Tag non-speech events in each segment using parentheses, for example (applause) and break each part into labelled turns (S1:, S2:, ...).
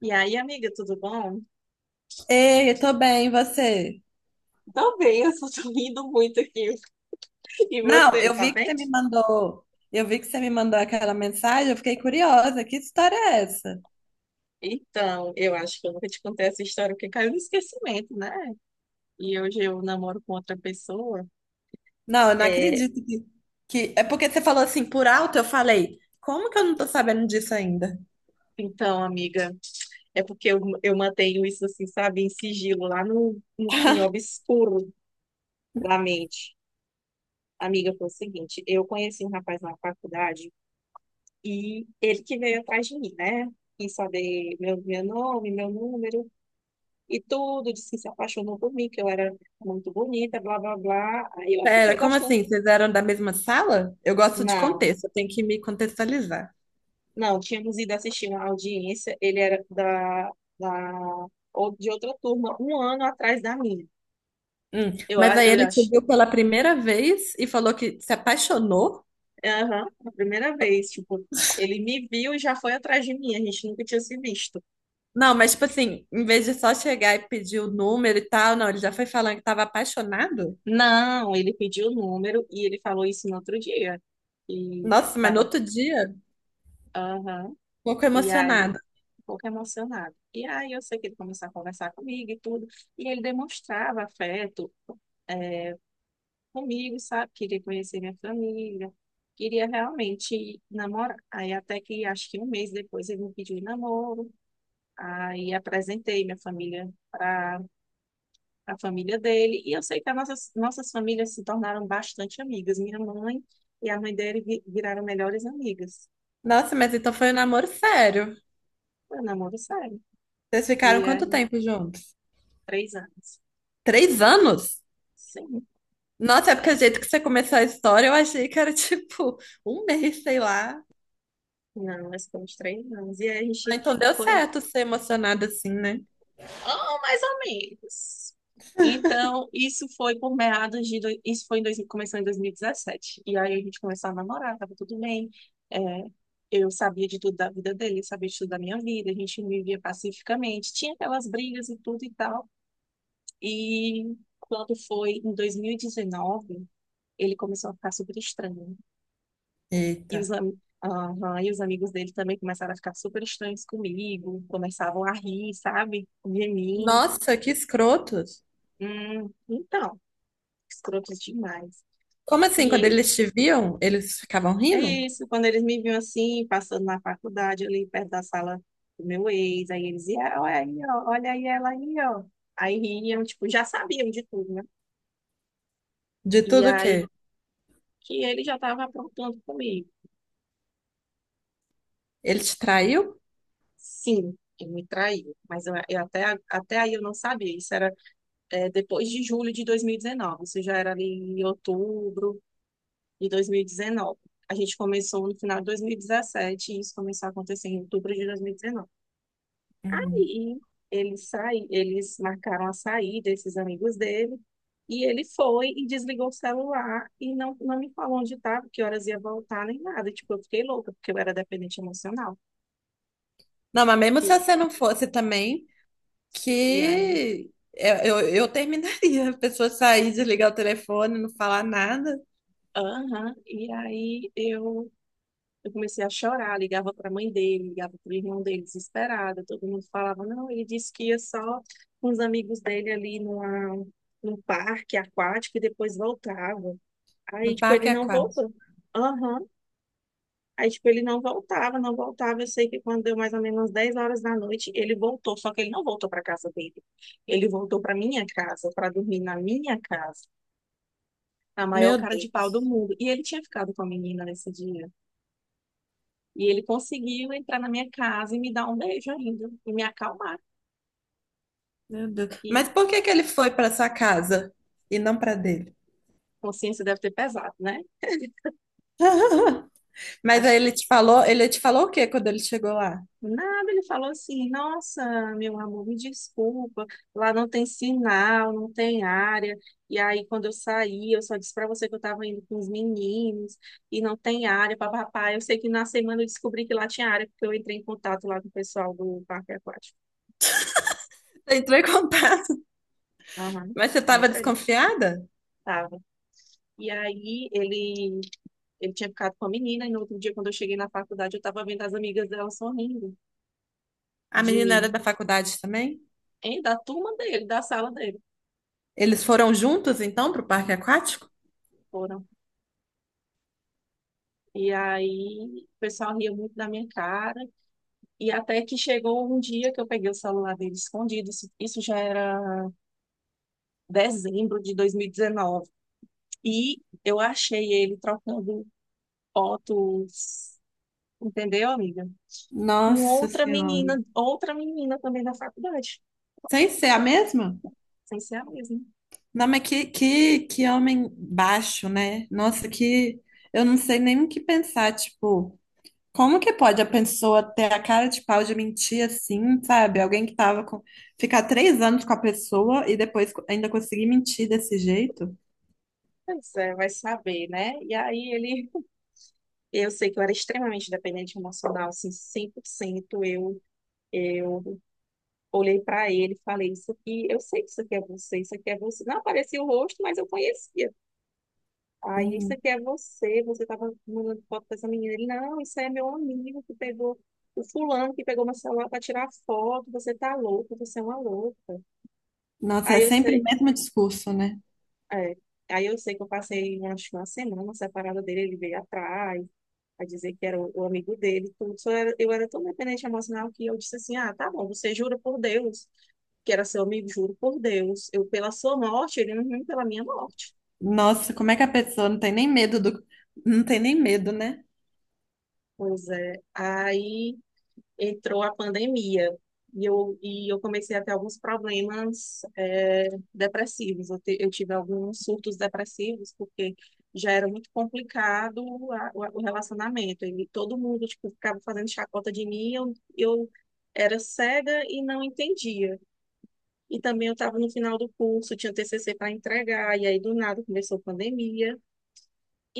S1: E aí, amiga, tudo bom?
S2: Ei, eu tô bem, e você?
S1: Tô bem, eu só tô (laughs) rindo muito aqui. (laughs) E
S2: Não,
S1: você,
S2: eu
S1: tá
S2: vi que
S1: bem?
S2: você me mandou, aquela mensagem, eu fiquei curiosa, que história é essa?
S1: Então, eu acho que eu nunca te contei essa história porque caiu no esquecimento, né? E hoje eu namoro com outra pessoa.
S2: Não, eu não
S1: É,
S2: acredito que... É porque você falou assim, por alto, eu falei, como que eu não tô sabendo disso ainda?
S1: então, amiga, é porque eu mantenho isso assim, sabe, em sigilo, lá no fim obscuro da mente. Amiga, foi o seguinte, eu conheci um rapaz na faculdade e ele que veio atrás de mim, né? Quis saber meu nome, meu número. E tudo, disse que se apaixonou por mim, que eu era muito bonita, blá, blá, blá. Aí eu acabei
S2: Pera, como
S1: gostando.
S2: assim? Vocês eram da mesma sala? Eu gosto de
S1: Não,
S2: contexto, eu tenho que me contextualizar.
S1: não, tínhamos ido assistir uma audiência, ele era da, ou- de outra turma, um ano atrás da minha.
S2: Hum. Mas aí
S1: Eu
S2: ele te
S1: acho,
S2: viu pela primeira vez e falou que se apaixonou?
S1: aham, a primeira vez, tipo, ele me viu e já foi atrás de mim, a gente nunca tinha se visto.
S2: Não, mas tipo assim, em vez de só chegar e pedir o número e tal, não, ele já foi falando que tava apaixonado?
S1: Não, ele pediu o número e ele falou isso no outro dia. E
S2: Nossa, mas no
S1: tava,
S2: outro dia, um
S1: aham.
S2: pouco
S1: E aí
S2: emocionada.
S1: um pouco emocionado. E aí eu sei que ele começou a conversar comigo e tudo, e ele demonstrava afeto eh, comigo, sabe? Queria conhecer minha família, queria realmente namorar. Aí até que acho que um mês depois ele me pediu em namoro, aí apresentei minha família para a família dele, e eu sei que as nossas famílias se tornaram bastante amigas. Minha mãe e a mãe dele viraram melhores amigas.
S2: Nossa, mas então foi um namoro sério.
S1: Foi um namoro sério,
S2: Vocês ficaram
S1: e
S2: quanto
S1: aí
S2: tempo juntos?
S1: três anos.
S2: Três anos?
S1: Sim.
S2: Nossa, é porque o jeito que você começou a história, eu achei que era (laughs) tipo um mês, sei lá.
S1: Não, mas com uns três anos. E aí a
S2: Ah, então
S1: gente
S2: deu
S1: foi,
S2: certo ser emocionada assim, né?
S1: oh, mais ou menos. Então, isso foi em dois, começou em 2017. E aí a gente começou a namorar, tava tudo bem. É, eu sabia de tudo da vida dele, ele sabia de tudo da minha vida. A gente vivia pacificamente. Tinha aquelas brigas e tudo e tal. E quando foi em 2019, ele começou a ficar super estranho. E os,
S2: Eita.
S1: am- Aham, e os amigos dele também começaram a ficar super estranhos comigo, começavam a rir, sabe? De mim.
S2: Nossa, que escrotos.
S1: Então, escrotos demais.
S2: Como assim,
S1: E
S2: quando
S1: ele,
S2: eles te viam, eles ficavam
S1: é
S2: rindo?
S1: isso, quando eles me viam assim, passando na faculdade, ali perto da sala do meu ex, aí eles iam, olha aí, ó, olha aí ela aí, ó. Aí riam, tipo, já sabiam de tudo, né?
S2: De
S1: E
S2: tudo
S1: aí
S2: que
S1: que ele já estava aprontando comigo.
S2: ele te traiu?
S1: Sim, ele me traiu, mas eu até, até aí eu não sabia, isso era é, depois de julho de 2019. Isso já era ali em outubro de 2019. A gente começou no final de 2017 e isso começou a acontecer em outubro de 2019.
S2: Uhum.
S1: Aí ele sai, eles marcaram a saída, esses amigos dele, e ele foi e desligou o celular e não me falou onde estava, que horas ia voltar, nem nada. Tipo, eu fiquei louca, porque eu era dependente emocional.
S2: Não, mas mesmo se
S1: E,
S2: você não fosse também,
S1: e aí,
S2: que eu terminaria. A pessoa sair, desligar o telefone, não falar nada,
S1: aham, e aí eu comecei a chorar, ligava para a mãe dele, ligava para o irmão dele, desesperada. Todo mundo falava, não, ele disse que ia só com os amigos dele num parque aquático e depois voltava.
S2: no
S1: Aí, tipo,
S2: parque
S1: ele não
S2: aquático.
S1: voltou. Aham. Aí, tipo, ele não voltava, não voltava. Eu sei que quando deu mais ou menos 10 horas da noite, ele voltou, só que ele não voltou para casa dele. Ele voltou para minha casa, para dormir na minha casa, a maior
S2: Meu
S1: cara de
S2: Deus,
S1: pau do mundo. E ele tinha ficado com a menina nesse dia. E ele conseguiu entrar na minha casa e me dar um beijo ainda, e me acalmar,
S2: meu Deus. Mas
S1: que
S2: por que que ele foi para sua casa e não para dele?
S1: consciência deve ter pesado, né?
S2: (laughs) Mas aí
S1: Acho que
S2: ele te falou, o que quando ele chegou lá?
S1: nada, ele falou assim: Nossa, meu amor, me desculpa, lá não tem sinal, não tem área. E aí, quando eu saí, eu só disse para você que eu estava indo com os meninos e não tem área, papapá. Eu sei que na semana eu descobri que lá tinha área, porque eu entrei em contato lá com o pessoal do parque aquático.
S2: Você entrou em contato,
S1: Aham,
S2: mas você estava
S1: entra aí.
S2: desconfiada?
S1: Tava. E aí ele Ele tinha ficado com a menina, e no outro dia, quando eu cheguei na faculdade, eu estava vendo as amigas dela sorrindo
S2: A
S1: de
S2: menina era
S1: mim,
S2: da faculdade também?
S1: hein, da turma dele, da sala dele.
S2: Eles foram juntos então para o parque aquático?
S1: Foram. E aí, o pessoal ria muito da minha cara. E até que chegou um dia que eu peguei o celular dele escondido. Isso já era dezembro de 2019. E dezenove. E eu achei ele trocando fotos, entendeu, amiga? Com
S2: Nossa Senhora.
S1: outra menina também da faculdade,
S2: Sem ser a mesma?
S1: sem ser a mesma.
S2: Não, mas que homem baixo, né? Nossa, que. Eu não sei nem o que pensar. Tipo, como que pode a pessoa ter a cara de pau de mentir assim, sabe? Alguém que tava com. Ficar três anos com a pessoa e depois co- ainda conseguir mentir desse jeito?
S1: Pois é, vai saber, né? Eu sei que eu era extremamente dependente emocional, assim, 100%. Eu olhei para ele e falei, isso aqui, eu sei que isso aqui é você, isso aqui é você. Não aparecia o rosto, mas eu conhecia. Aí, isso
S2: Hum.
S1: aqui é você, você tava mandando foto pra essa menina. Ele, não, isso aí é meu amigo que pegou, o fulano que pegou meu celular para tirar foto, você tá louco, você é uma louca.
S2: Nossa, é
S1: Aí eu
S2: sempre o
S1: sei,
S2: mesmo discurso, né?
S1: é. Aí eu sei que eu passei acho, que uma semana separada dele, ele veio atrás, a dizer que era o amigo dele, e tudo. Eu era tão dependente emocional que eu disse assim, ah, tá bom, você jura por Deus que era seu amigo, juro por Deus. Eu pela sua morte, ele não pela minha morte.
S2: Nossa, como é que a pessoa não tem nem medo do. Não tem nem medo, né?
S1: Pois é. Aí entrou a pandemia e eu comecei a ter alguns problemas é, depressivos. Eu tive alguns surtos depressivos porque já era muito complicado o relacionamento. E todo mundo tipo, ficava fazendo chacota de mim, eu era cega e não entendia. E também eu estava no final do curso, tinha TCC para entregar, e aí do nada começou a pandemia.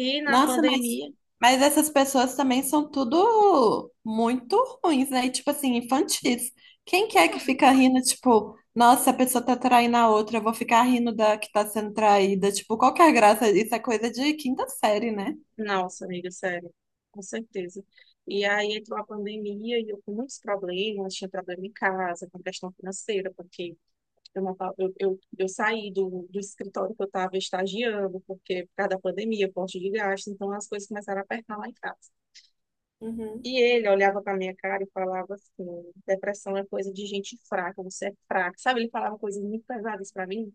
S1: E na
S2: Nossa,
S1: pandemia,
S2: mas essas pessoas também são tudo muito ruins, né? E, tipo assim, infantis. Quem que é que fica rindo, tipo, nossa, a pessoa tá traindo a outra, eu vou ficar rindo da que tá sendo traída. Tipo, qual que é a graça? Isso é coisa de quinta série, né?
S1: nossa, amiga, sério, com certeza. E aí entrou a pandemia e eu com muitos problemas, tinha problema em casa, com questão financeira, porque eu, não tava- eu saí do escritório que eu estava estagiando, porque por causa da pandemia, corte de gastos, então as coisas começaram a apertar lá em casa.
S2: Uhum.
S1: E ele olhava para minha cara e falava assim: depressão é coisa de gente fraca, você é fraca. Sabe, ele falava coisas muito pesadas para mim.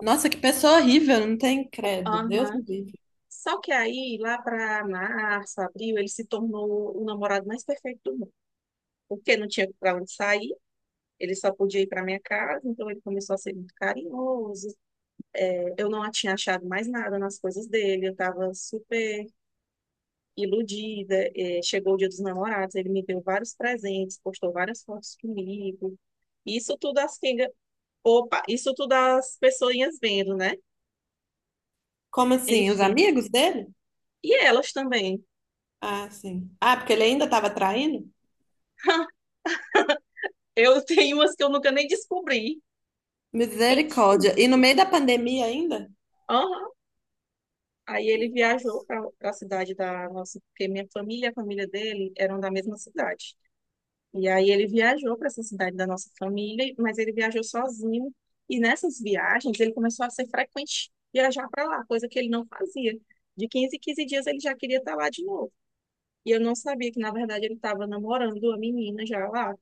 S2: Nossa, que pessoa horrível, não tem credo. Deus
S1: Aham.
S2: me livre.
S1: Só que aí, lá para março, abril, ele se tornou o namorado mais perfeito do porque não tinha para onde sair, ele só podia ir para minha casa, então ele começou a ser muito carinhoso. É, eu não tinha achado mais nada nas coisas dele, eu estava super iludida. É, chegou o Dia dos Namorados, ele me deu vários presentes, postou várias fotos comigo. Isso tudo as pingas, isso tudo as pessoinhas vendo, né?
S2: Como assim? Os
S1: Enfim.
S2: amigos dele?
S1: E elas também.
S2: Ah, sim. Ah, porque ele ainda estava traindo?
S1: (laughs) Eu tenho umas que eu nunca nem descobri. Enfim.
S2: Misericórdia. E no meio da pandemia ainda?
S1: Aham. Aí ele viajou para a cidade da nossa, porque minha família e a família dele eram da mesma cidade. E aí ele viajou para essa cidade da nossa família, mas ele viajou sozinho. E nessas viagens ele começou a ser frequente viajar para lá, coisa que ele não fazia. De 15 em 15 dias ele já queria estar lá de novo. E eu não sabia que, na verdade, ele estava namorando a menina já lá,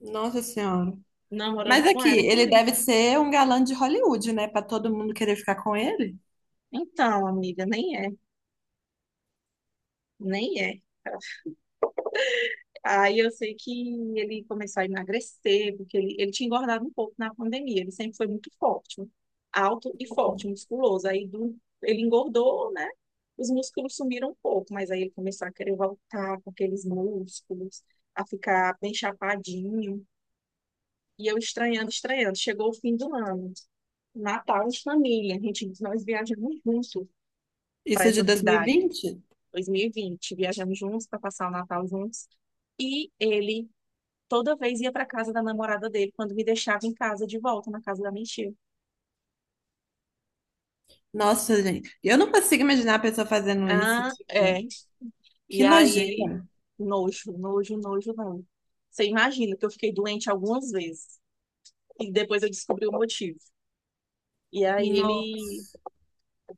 S2: Nossa Senhora.
S1: namorando
S2: Mas
S1: com
S2: aqui,
S1: ela e
S2: ele
S1: comigo.
S2: deve ser um galã de Hollywood, né? Pra todo mundo querer ficar com ele.
S1: Então, amiga, nem é. Aí eu sei que ele começou a emagrecer, porque ele tinha engordado um pouco na pandemia. Ele sempre foi muito forte, alto e forte,
S2: Uhum.
S1: musculoso. Ele engordou, né? Os músculos sumiram um pouco, mas aí ele começou a querer voltar com aqueles músculos, a ficar bem chapadinho. E eu estranhando, estranhando. Chegou o fim do ano, Natal de família. Nós viajamos juntos para
S2: Isso de
S1: essa cidade,
S2: 2020?
S1: 2020. Viajamos juntos para passar o Natal juntos. E ele toda vez ia para casa da namorada dele quando me deixava em casa de volta na casa da minha tia.
S2: Nossa, gente. Eu não consigo imaginar a pessoa fazendo isso.
S1: Ah, é.
S2: Tipo, que
S1: E aí ele
S2: nojeira.
S1: nojo, nojo, nojo, não. Você imagina que eu fiquei doente algumas vezes e depois eu descobri o motivo. E aí
S2: Não,
S1: ele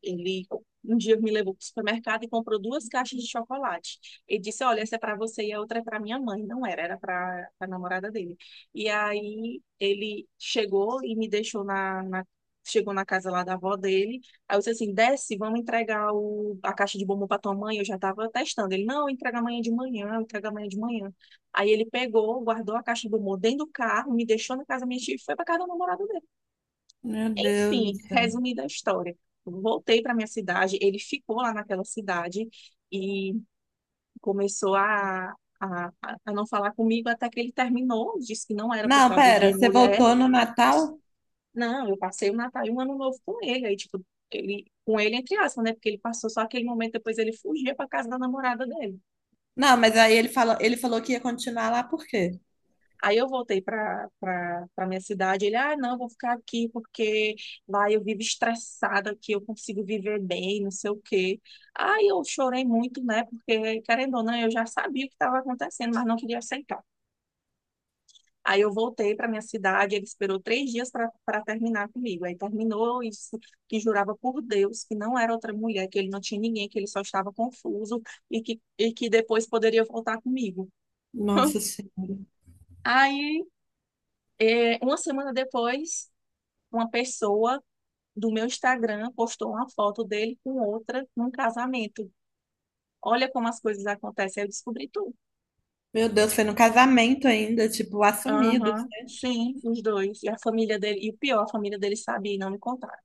S1: Ele um dia me levou para o supermercado e comprou duas caixas de chocolate. Ele disse: Olha, essa é para você e a outra é para minha mãe. Não era, era para a namorada dele. E aí ele chegou e me deixou chegou na casa lá da avó dele. Aí eu disse assim: desce, vamos entregar a caixa de bombom para tua mãe. Eu já estava testando. Ele: não, entrega amanhã de manhã, entrega amanhã de manhã. Aí ele pegou, guardou a caixa de bombom dentro do carro, me deixou na casa da minha tia e foi para casa da namorada dele.
S2: meu Deus do
S1: Enfim,
S2: céu.
S1: resumida a história. Voltei para minha cidade, ele ficou lá naquela cidade e começou a, a não falar comigo até que ele terminou, disse que não era por
S2: Não,
S1: causa
S2: pera,
S1: de
S2: você
S1: mulher.
S2: voltou no Natal?
S1: Não, eu passei o Natal e o Ano Novo com ele. Aí, tipo, ele, com ele, entre aspas, né? Porque ele passou só aquele momento, depois ele fugia para casa da namorada dele.
S2: Não, mas aí ele falou, que ia continuar lá por quê?
S1: Aí eu voltei para minha cidade. Ele, ah, não, vou ficar aqui porque lá eu vivo estressada, aqui eu consigo viver bem, não sei o quê. Aí eu chorei muito, né? Porque, querendo ou não, eu já sabia o que estava acontecendo, mas não queria aceitar. Aí eu voltei para minha cidade. Ele esperou três dias para terminar comigo. Aí terminou e disse que jurava por Deus que não era outra mulher, que ele não tinha ninguém, que ele só estava confuso e que depois poderia voltar comigo.
S2: Nossa
S1: (laughs)
S2: Senhora.
S1: Aí, uma semana depois, uma pessoa do meu Instagram postou uma foto dele com outra num casamento. Olha como as coisas acontecem. Aí eu descobri tudo.
S2: Meu Deus, foi no casamento ainda, tipo, assumido.
S1: Aham, sim, os dois. E a família dele, e o pior, a família dele sabia e não me contaram.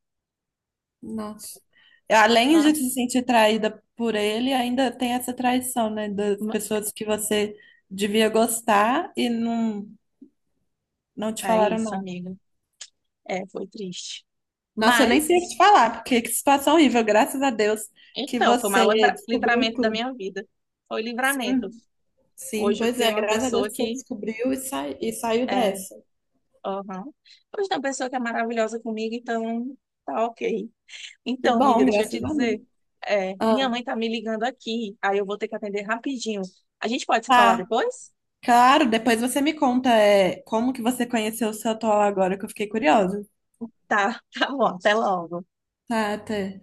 S2: Nossa. Além
S1: Ah,
S2: de se sentir traída por ele, ainda tem essa traição, né? Das
S1: ma-
S2: pessoas que você devia gostar e não, não te
S1: é
S2: falaram
S1: isso,
S2: nada.
S1: amiga. É, foi triste.
S2: Nossa, eu nem sei o que te
S1: Mas,
S2: falar, porque que situação horrível. Graças a Deus que
S1: então, foi o
S2: você
S1: maior
S2: descobriu
S1: livramento da
S2: tudo.
S1: minha vida. Foi livramento.
S2: Sim, sim,
S1: Hoje eu
S2: pois
S1: tenho
S2: é.
S1: uma
S2: Graças a Deus
S1: pessoa
S2: que você
S1: que
S2: descobriu e, sai, e saiu
S1: é,
S2: dessa.
S1: aham. Hoje tem uma pessoa que é maravilhosa comigo, então tá ok.
S2: Que
S1: Então, amiga,
S2: bom,
S1: deixa eu te
S2: graças a Deus.
S1: dizer. É, minha
S2: Ah,
S1: mãe tá me ligando aqui, aí eu vou ter que atender rapidinho. A gente pode se falar
S2: tá,
S1: depois?
S2: claro. Depois você me conta, é, como que você conheceu o seu atual agora, que eu fiquei curiosa.
S1: Tá, (laughs) tá bom, até logo.
S2: Tá, até.